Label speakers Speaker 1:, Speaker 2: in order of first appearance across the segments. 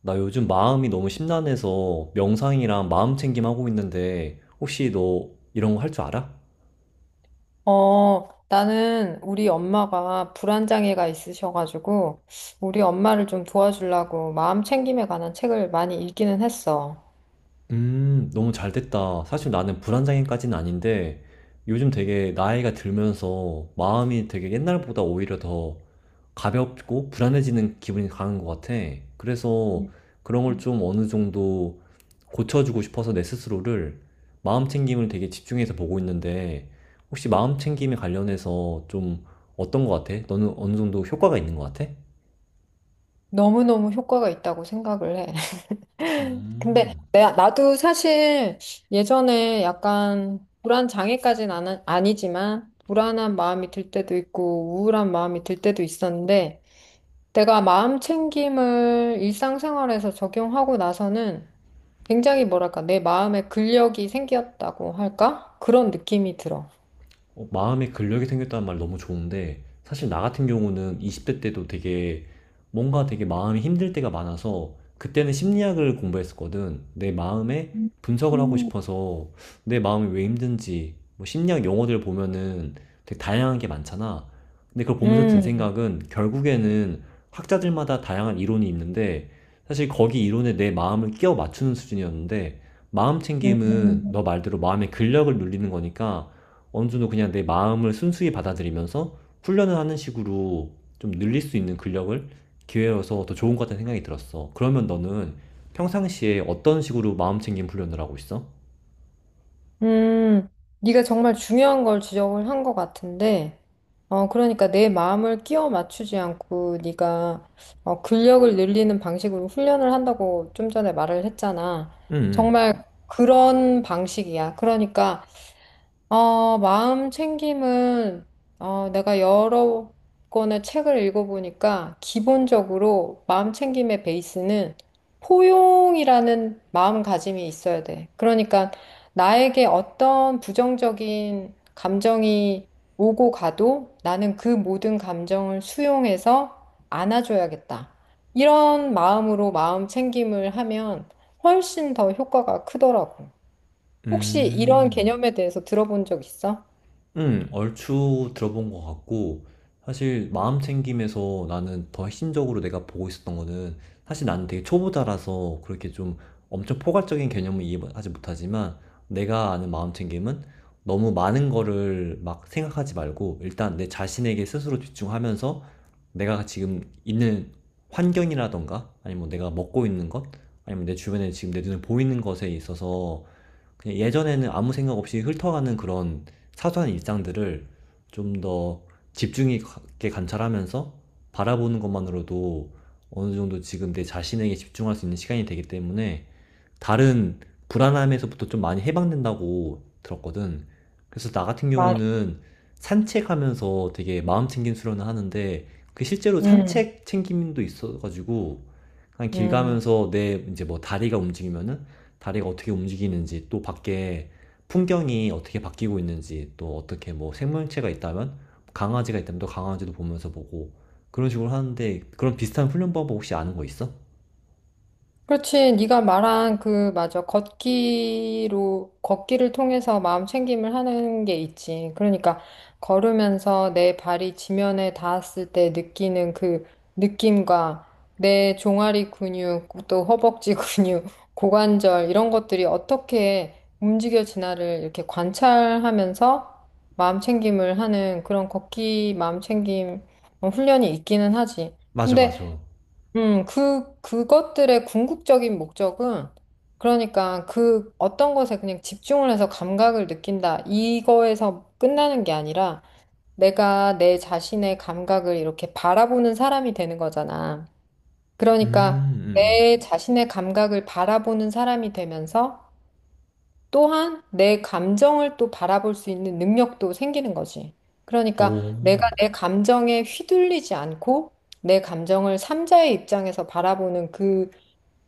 Speaker 1: 나 요즘 마음이 너무 심란해서 명상이랑 마음 챙김 하고 있는데 혹시 너 이런 거 할 줄 알아?
Speaker 2: 나는 우리 엄마가 불안장애가 있으셔가지고, 우리 엄마를 좀 도와주려고 마음 챙김에 관한 책을 많이 읽기는 했어.
Speaker 1: 너무 잘 됐다. 사실 나는 불안장애까지는 아닌데, 요즘 되게 나이가 들면서 마음이 되게 옛날보다 오히려 더 가볍고 불안해지는 기분이 강한 것 같아. 그래서 그런 걸 좀 어느 정도 고쳐주고 싶어서 내 스스로를 마음 챙김을 되게 집중해서 보고 있는데, 혹시 마음 챙김에 관련해서 좀 어떤 것 같아? 너는 어느 정도 효과가 있는 것 같아?
Speaker 2: 너무너무 효과가 있다고 생각을 해. 근데
Speaker 1: 음.
Speaker 2: 나도 사실 예전에 약간 아니지만, 불안한 마음이 들 때도 있고, 우울한 마음이 들 때도 있었는데, 내가 마음 챙김을 일상생활에서 적용하고 나서는 굉장히 뭐랄까, 내 마음에 근력이 생겼다고 할까? 그런 느낌이 들어.
Speaker 1: 어, 마음의 근력이 생겼다는 말 너무 좋은데 사실 나 같은 경우는 20대 때도 되게 뭔가 되게 마음이 힘들 때가 많아서 그때는 심리학을 공부했었거든. 내 마음에
Speaker 2: 음,
Speaker 1: 분석을 하고
Speaker 2: 음,
Speaker 1: 싶어서 내 마음이 왜 힘든지 뭐 심리학 용어들 보면은 되게 다양한 게 많잖아. 근데 그걸 보면서 든
Speaker 2: 음,
Speaker 1: 생각은 결국에는 학자들마다 다양한 이론이 있는데 사실 거기 이론에 내 마음을 끼워 맞추는 수준이었는데 마음
Speaker 2: 음,
Speaker 1: 챙김은 너 말대로 마음의 근력을 눌리는 거니까 어느 정도 그냥 내 마음을 순수히 받아들이면서 훈련을 하는 식으로 좀 늘릴 수 있는 근력을 기회여서 더 좋은 것 같다는 생각이 들었어. 그러면 너는 평상시에 어떤 식으로 마음 챙김 훈련을 하고 있어?
Speaker 2: 음. 네가 정말 중요한 걸 지적을 한 것 같은데, 그러니까 내 마음을 끼워 맞추지 않고 네가 근력을 늘리는 방식으로 훈련을 한다고 좀 전에 말을 했잖아.
Speaker 1: 음,
Speaker 2: 정말 그런 방식이야. 그러니까 마음 챙김은 내가 여러 권의 책을 읽어보니까 기본적으로 마음 챙김의 베이스는 포용이라는 마음가짐이 있어야 돼. 그러니까 나에게 어떤 부정적인 감정이 오고 가도 나는 그 모든 감정을 수용해서 안아줘야겠다. 이런 마음으로 마음 챙김을 하면 훨씬 더 효과가 크더라고. 혹시 이런
Speaker 1: 음.
Speaker 2: 개념에 대해서 들어본 적 있어?
Speaker 1: 응, 얼추 들어본 것 같고, 사실 마음 챙김에서 나는 더 핵심적으로 내가 보고 있었던 거는, 사실 나는 되게 초보자라서 그렇게 좀 엄청 포괄적인 개념은 이해하지 못하지만, 내가 아는 마음 챙김은 너무 많은 거를 막 생각하지 말고, 일단 내 자신에게 스스로 집중하면서, 내가 지금 있는 환경이라던가, 아니면 내가 먹고 있는 것, 아니면 내 주변에 지금 내 눈에 보이는 것에 있어서 그냥 예전에는 아무 생각 없이 훑어가는 그런 사소한 일상들을 좀 더 집중 있게 관찰하면서 바라보는 것만으로도 어느 정도 지금 내 자신에게 집중할 수 있는 시간이 되기 때문에 다른 불안함에서부터 좀 많이 해방된다고 들었거든. 그래서 나 같은
Speaker 2: 맞아.
Speaker 1: 경우는 산책하면서 되게 마음 챙김 수련을 하는데 그 실제로
Speaker 2: 음,
Speaker 1: 산책 챙김도 있어가지고 그냥 길
Speaker 2: 음.
Speaker 1: 가면서 내 이제 뭐 다리가 움직이면은 다리가 어떻게 움직이는지 또 밖에 풍경이 어떻게 바뀌고 있는지 또 어떻게 뭐 생명체가 있다면 뭐 강아지가 있다면 또 강아지도 보면서 보고 그런 식으로 하는데 그런 비슷한 훈련 방법 혹시 아는 거 있어?
Speaker 2: 그렇지. 네가 말한 그 맞아. 걷기로 걷기를 통해서 마음 챙김을 하는 게 있지. 그러니까 걸으면서 내 발이 지면에 닿았을 때 느끼는 그 느낌과 내 종아리 근육, 또 허벅지 근육, 고관절 이런 것들이 어떻게 움직여지나를 이렇게 관찰하면서 마음 챙김을 하는 그런 걷기 마음 챙김 훈련이 있기는 하지.
Speaker 1: 맞아, 맞아.
Speaker 2: 근데 그것들의 궁극적인 목적은, 그러니까 그 어떤 것에 그냥 집중을 해서 감각을 느낀다. 이거에서 끝나는 게 아니라, 내가 내 자신의 감각을 이렇게 바라보는 사람이 되는 거잖아.
Speaker 1: 음,
Speaker 2: 그러니까
Speaker 1: 음,
Speaker 2: 내
Speaker 1: 음.
Speaker 2: 자신의 감각을 바라보는 사람이 되면서, 또한 내 감정을 또 바라볼 수 있는 능력도 생기는 거지. 그러니까
Speaker 1: 오,
Speaker 2: 내가 내 감정에 휘둘리지 않고, 내 감정을 삼자의 입장에서 바라보는 그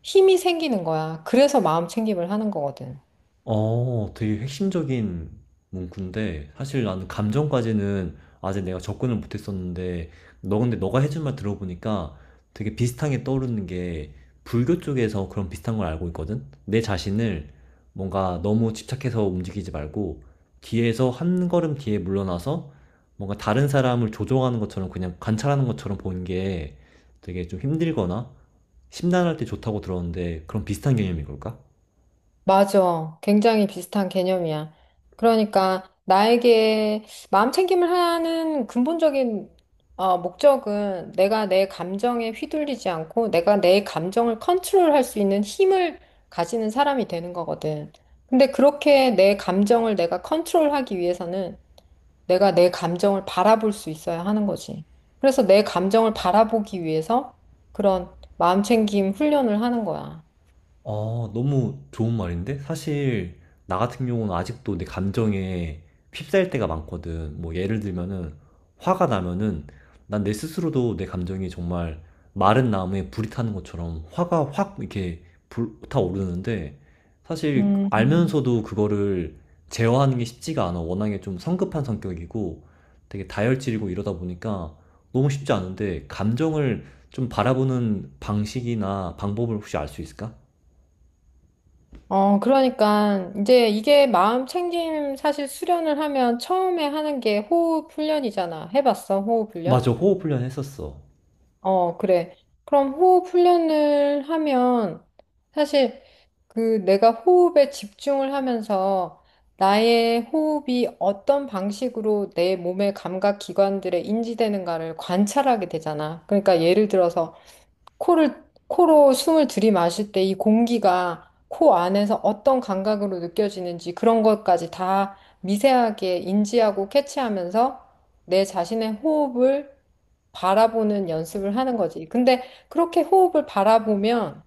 Speaker 2: 힘이 생기는 거야. 그래서 마음 챙김을 하는 거거든.
Speaker 1: 어, 되게 핵심적인 문구인데, 사실 나는 감정까지는 아직 내가 접근을 못했었는데, 너 근데 너가 해준 말 들어보니까 되게 비슷한 게 떠오르는 게, 불교 쪽에서 그런 비슷한 걸 알고 있거든? 내 자신을 뭔가 너무 집착해서 움직이지 말고, 뒤에서 한 걸음 뒤에 물러나서 뭔가 다른 사람을 조종하는 것처럼 그냥 관찰하는 것처럼 보는 게 되게 좀 힘들거나 심란할 때 좋다고 들었는데, 그런 비슷한 개념인 걸까?
Speaker 2: 맞아. 굉장히 비슷한 개념이야. 그러니까 나에게 마음 챙김을 하는 근본적인 목적은 내가 내 감정에 휘둘리지 않고 내가 내 감정을 컨트롤할 수 있는 힘을 가지는 사람이 되는 거거든. 근데 그렇게 내 감정을 내가 컨트롤하기 위해서는 내가 내 감정을 바라볼 수 있어야 하는 거지. 그래서 내 감정을 바라보기 위해서 그런 마음챙김 훈련을 하는 거야.
Speaker 1: 아, 너무 좋은 말인데? 사실, 나 같은 경우는 아직도 내 감정에 휩싸일 때가 많거든. 뭐, 예를 들면은, 화가 나면은, 난 내 스스로도 내 감정이 정말 마른 나무에 불이 타는 것처럼 화가 확 이렇게 불타오르는데, 사실,
Speaker 2: 음.
Speaker 1: 알면서도 그거를 제어하는 게 쉽지가 않아. 워낙에 좀 성급한 성격이고, 되게 다혈질이고 이러다 보니까 너무 쉽지 않은데, 감정을 좀 바라보는 방식이나 방법을 혹시 알 수 있을까?
Speaker 2: 그러니까 이제 이게 마음챙김 사실 수련을 하면 처음에 하는 게 호흡 훈련이잖아. 해봤어, 호흡 훈련?
Speaker 1: 맞아, 호흡 훈련 했었어.
Speaker 2: 어, 그래. 그럼 호흡 훈련을 하면 사실 그 내가 호흡에 집중을 하면서 나의 호흡이 어떤 방식으로 내 몸의 감각 기관들에 인지되는가를 관찰하게 되잖아. 그러니까 예를 들어서 코를, 코로 숨을 들이마실 때 이 공기가 코 안에서 어떤 감각으로 느껴지는지 그런 것까지 다 미세하게 인지하고 캐치하면서 내 자신의 호흡을 바라보는 연습을 하는 거지. 근데 그렇게 호흡을 바라보면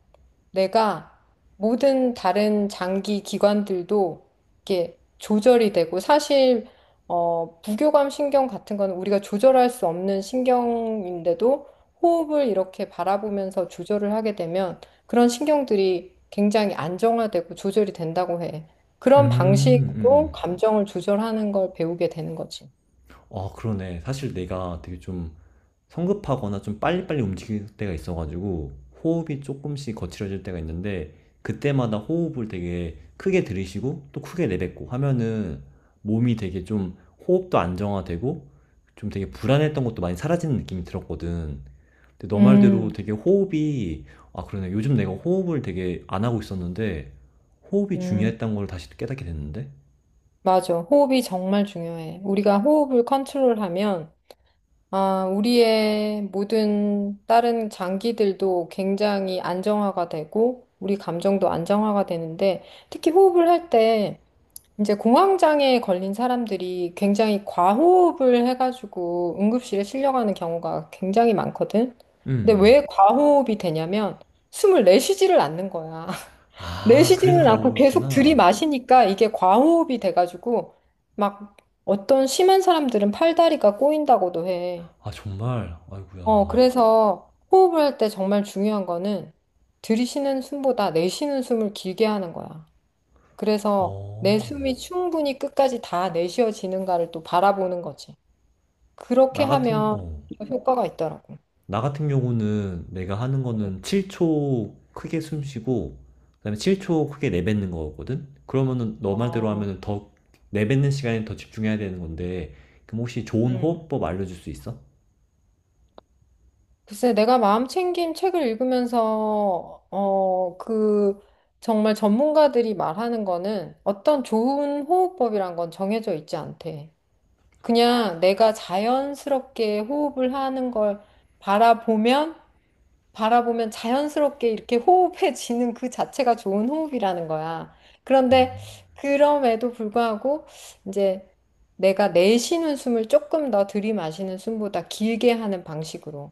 Speaker 2: 내가 모든 다른 장기 기관들도 이게 조절이 되고 사실 부교감 신경 같은 거는 우리가 조절할 수 없는 신경인데도 호흡을 이렇게 바라보면서 조절을 하게 되면 그런 신경들이 굉장히 안정화되고 조절이 된다고 해.
Speaker 1: 음,
Speaker 2: 그런
Speaker 1: 음,
Speaker 2: 방식으로
Speaker 1: 음.
Speaker 2: 감정을 조절하는 걸 배우게 되는 거지.
Speaker 1: 아, 그러네. 사실 내가 되게 좀 성급하거나 좀 빨리빨리 움직일 때가 있어가지고 호흡이 조금씩 거칠어질 때가 있는데 그때마다 호흡을 되게 크게 들이쉬고 또 크게 내뱉고 하면은 몸이 되게 좀 호흡도 안정화되고 좀 되게 불안했던 것도 많이 사라지는 느낌이 들었거든. 근데 너 말대로
Speaker 2: 음,
Speaker 1: 되게 호흡이 아, 그러네. 요즘 내가 호흡을 되게 안 하고 있었는데 호흡이
Speaker 2: 음.
Speaker 1: 중요했던 걸 다시 또 깨닫게 됐는데?
Speaker 2: 맞아. 호흡이 정말 중요해. 우리가 호흡을 컨트롤하면, 아, 우리의 모든 다른 장기들도 굉장히 안정화가 되고, 우리 감정도 안정화가 되는데, 특히 호흡을 할 때, 이제 공황장애에 걸린 사람들이 굉장히 과호흡을 해가지고 응급실에 실려가는 경우가 굉장히 많거든.
Speaker 1: 음,
Speaker 2: 근데 왜 과호흡이 되냐면, 숨을 내쉬지를 않는 거야.
Speaker 1: 아, 그래서
Speaker 2: 내쉬지는 않고 계속
Speaker 1: 가오였구나.
Speaker 2: 들이마시니까 이게 과호흡이 돼가지고 막 어떤 심한 사람들은 팔다리가 꼬인다고도 해.
Speaker 1: 아, 정말. 아이고야.
Speaker 2: 그래서 호흡을 할 때 정말 중요한 거는 들이쉬는 숨보다 내쉬는 숨을 길게 하는 거야. 그래서 내
Speaker 1: 어.
Speaker 2: 숨이 충분히 끝까지 다 내쉬어지는가를 또 바라보는 거지. 그렇게
Speaker 1: 나 같은
Speaker 2: 하면
Speaker 1: 어.
Speaker 2: 효과가 있더라고.
Speaker 1: 나 같은 경우는 내가 하는 거는 7초 크게 숨 쉬고 그다음에 7초 크게 내뱉는 거거든. 그러면은 너 말대로
Speaker 2: 아,
Speaker 1: 하면은 더 내뱉는 시간에 더 집중해야 되는 건데 그럼 혹시 좋은
Speaker 2: 음.
Speaker 1: 호흡법 알려줄 수 있어?
Speaker 2: 글쎄, 내가 마음챙김 책을 읽으면서, 정말 전문가들이 말하는 거는 어떤 좋은 호흡법이란 건 정해져 있지 않대. 그냥 내가 자연스럽게 호흡을 하는 걸 바라보면, 바라보면 자연스럽게 이렇게 호흡해지는 그 자체가 좋은 호흡이라는 거야. 그런데 그럼에도 불구하고, 이제 내가 내쉬는 숨을 조금 더 들이마시는 숨보다 길게 하는 방식으로.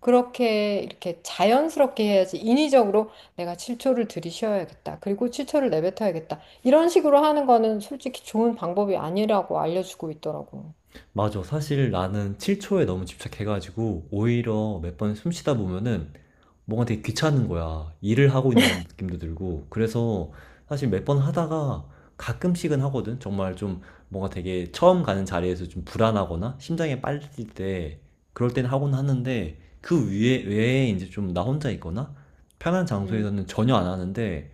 Speaker 2: 그렇게 이렇게 자연스럽게 해야지 인위적으로 내가 7초를 들이쉬어야겠다. 그리고 7초를 내뱉어야겠다. 이런 식으로 하는 거는 솔직히 좋은 방법이 아니라고 알려주고 있더라고.
Speaker 1: 맞아. 사실 나는 7초에 너무 집착해가지고 오히려 몇 번 숨 쉬다 보면은 뭔가 되게 귀찮은 거야. 일을 하고 있는 느낌도 들고. 그래서 사실 몇 번 하다가 가끔씩은 하거든. 정말 좀 뭔가 되게 처음 가는 자리에서 좀 불안하거나 심장이 빨리 때 그럴 땐 하곤 하는데 그 외에 이제 좀 나 혼자 있거나 편한 장소에서는 전혀 안 하는데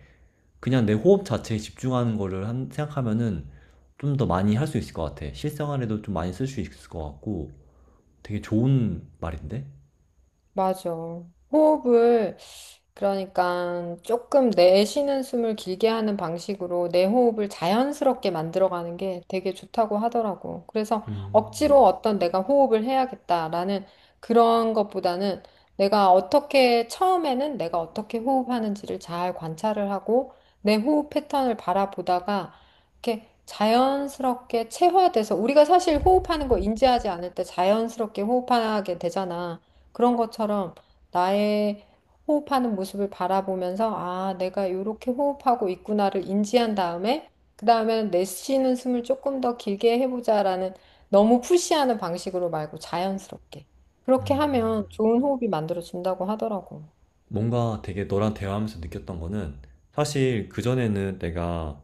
Speaker 1: 그냥 내 호흡 자체에 집중하는 거를 생각하면은 좀 더 많이 할 수 있을 것 같아. 실생활에도 좀 많이 쓸 수 있을 것 같고 되게 좋은 말인데?
Speaker 2: 맞아. 호흡을, 그러니까 조금 내쉬는 숨을 길게 하는 방식으로 내 호흡을 자연스럽게 만들어가는 게 되게 좋다고 하더라고. 그래서
Speaker 1: 음.
Speaker 2: 억지로 어떤 내가 호흡을 해야겠다라는 그런 것보다는 내가 어떻게, 처음에는 내가 어떻게 호흡하는지를 잘 관찰을 하고 내 호흡 패턴을 바라보다가 이렇게 자연스럽게 체화돼서 우리가 사실 호흡하는 거 인지하지 않을 때 자연스럽게 호흡하게 되잖아. 그런 것처럼 나의 호흡하는 모습을 바라보면서 아, 내가 이렇게 호흡하고 있구나를 인지한 다음에 그 다음에는 내쉬는 숨을 조금 더 길게 해보자라는 너무 푸시하는 방식으로 말고 자연스럽게 그렇게 하면 좋은 호흡이 만들어진다고 하더라고.
Speaker 1: 뭔가 되게 너랑 대화하면서 느꼈던 거는 사실 그전에는 내가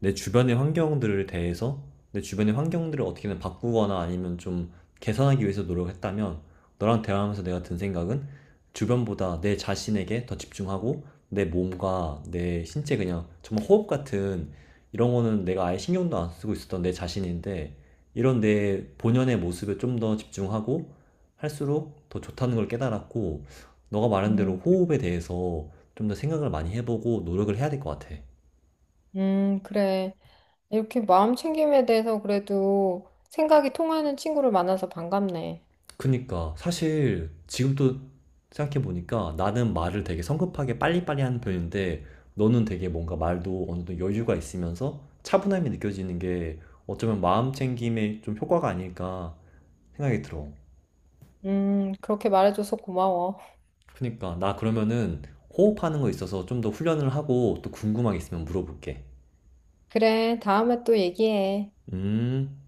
Speaker 1: 내 주변의 환경들을 대해서 내 주변의 환경들을 어떻게든 바꾸거나 아니면 좀 개선하기 위해서 노력했다면 너랑 대화하면서 내가 든 생각은 주변보다 내 자신에게 더 집중하고 내 몸과 내 신체 그냥 정말 호흡 같은 이런 거는 내가 아예 신경도 안 쓰고 있었던 내 자신인데 이런 내 본연의 모습에 좀 더 집중하고 할수록 더 좋다는 걸 깨달았고 너가 말한 대로
Speaker 2: 음,
Speaker 1: 호흡에 대해서 좀 더 생각을 많이 해보고 노력을 해야 될 것 같아.
Speaker 2: 그래. 이렇게 마음 챙김에 대해서 그래도 생각이 통하는 친구를 만나서 반갑네.
Speaker 1: 그니까 사실 지금 또 생각해보니까 나는 말을 되게 성급하게 빨리빨리 하는 편인데 너는 되게 뭔가 말도 어느 정도 여유가 있으면서 차분함이 느껴지는 게 어쩌면 마음 챙김에 좀 효과가 아닐까 생각이 들어.
Speaker 2: 그렇게 말해줘서 고마워.
Speaker 1: 그니까 나 그러면은 호흡하는 거 있어서 좀 더 훈련을 하고 또 궁금한 게 있으면 물어볼게.
Speaker 2: 그래, 다음에 또 얘기해.
Speaker 1: 음.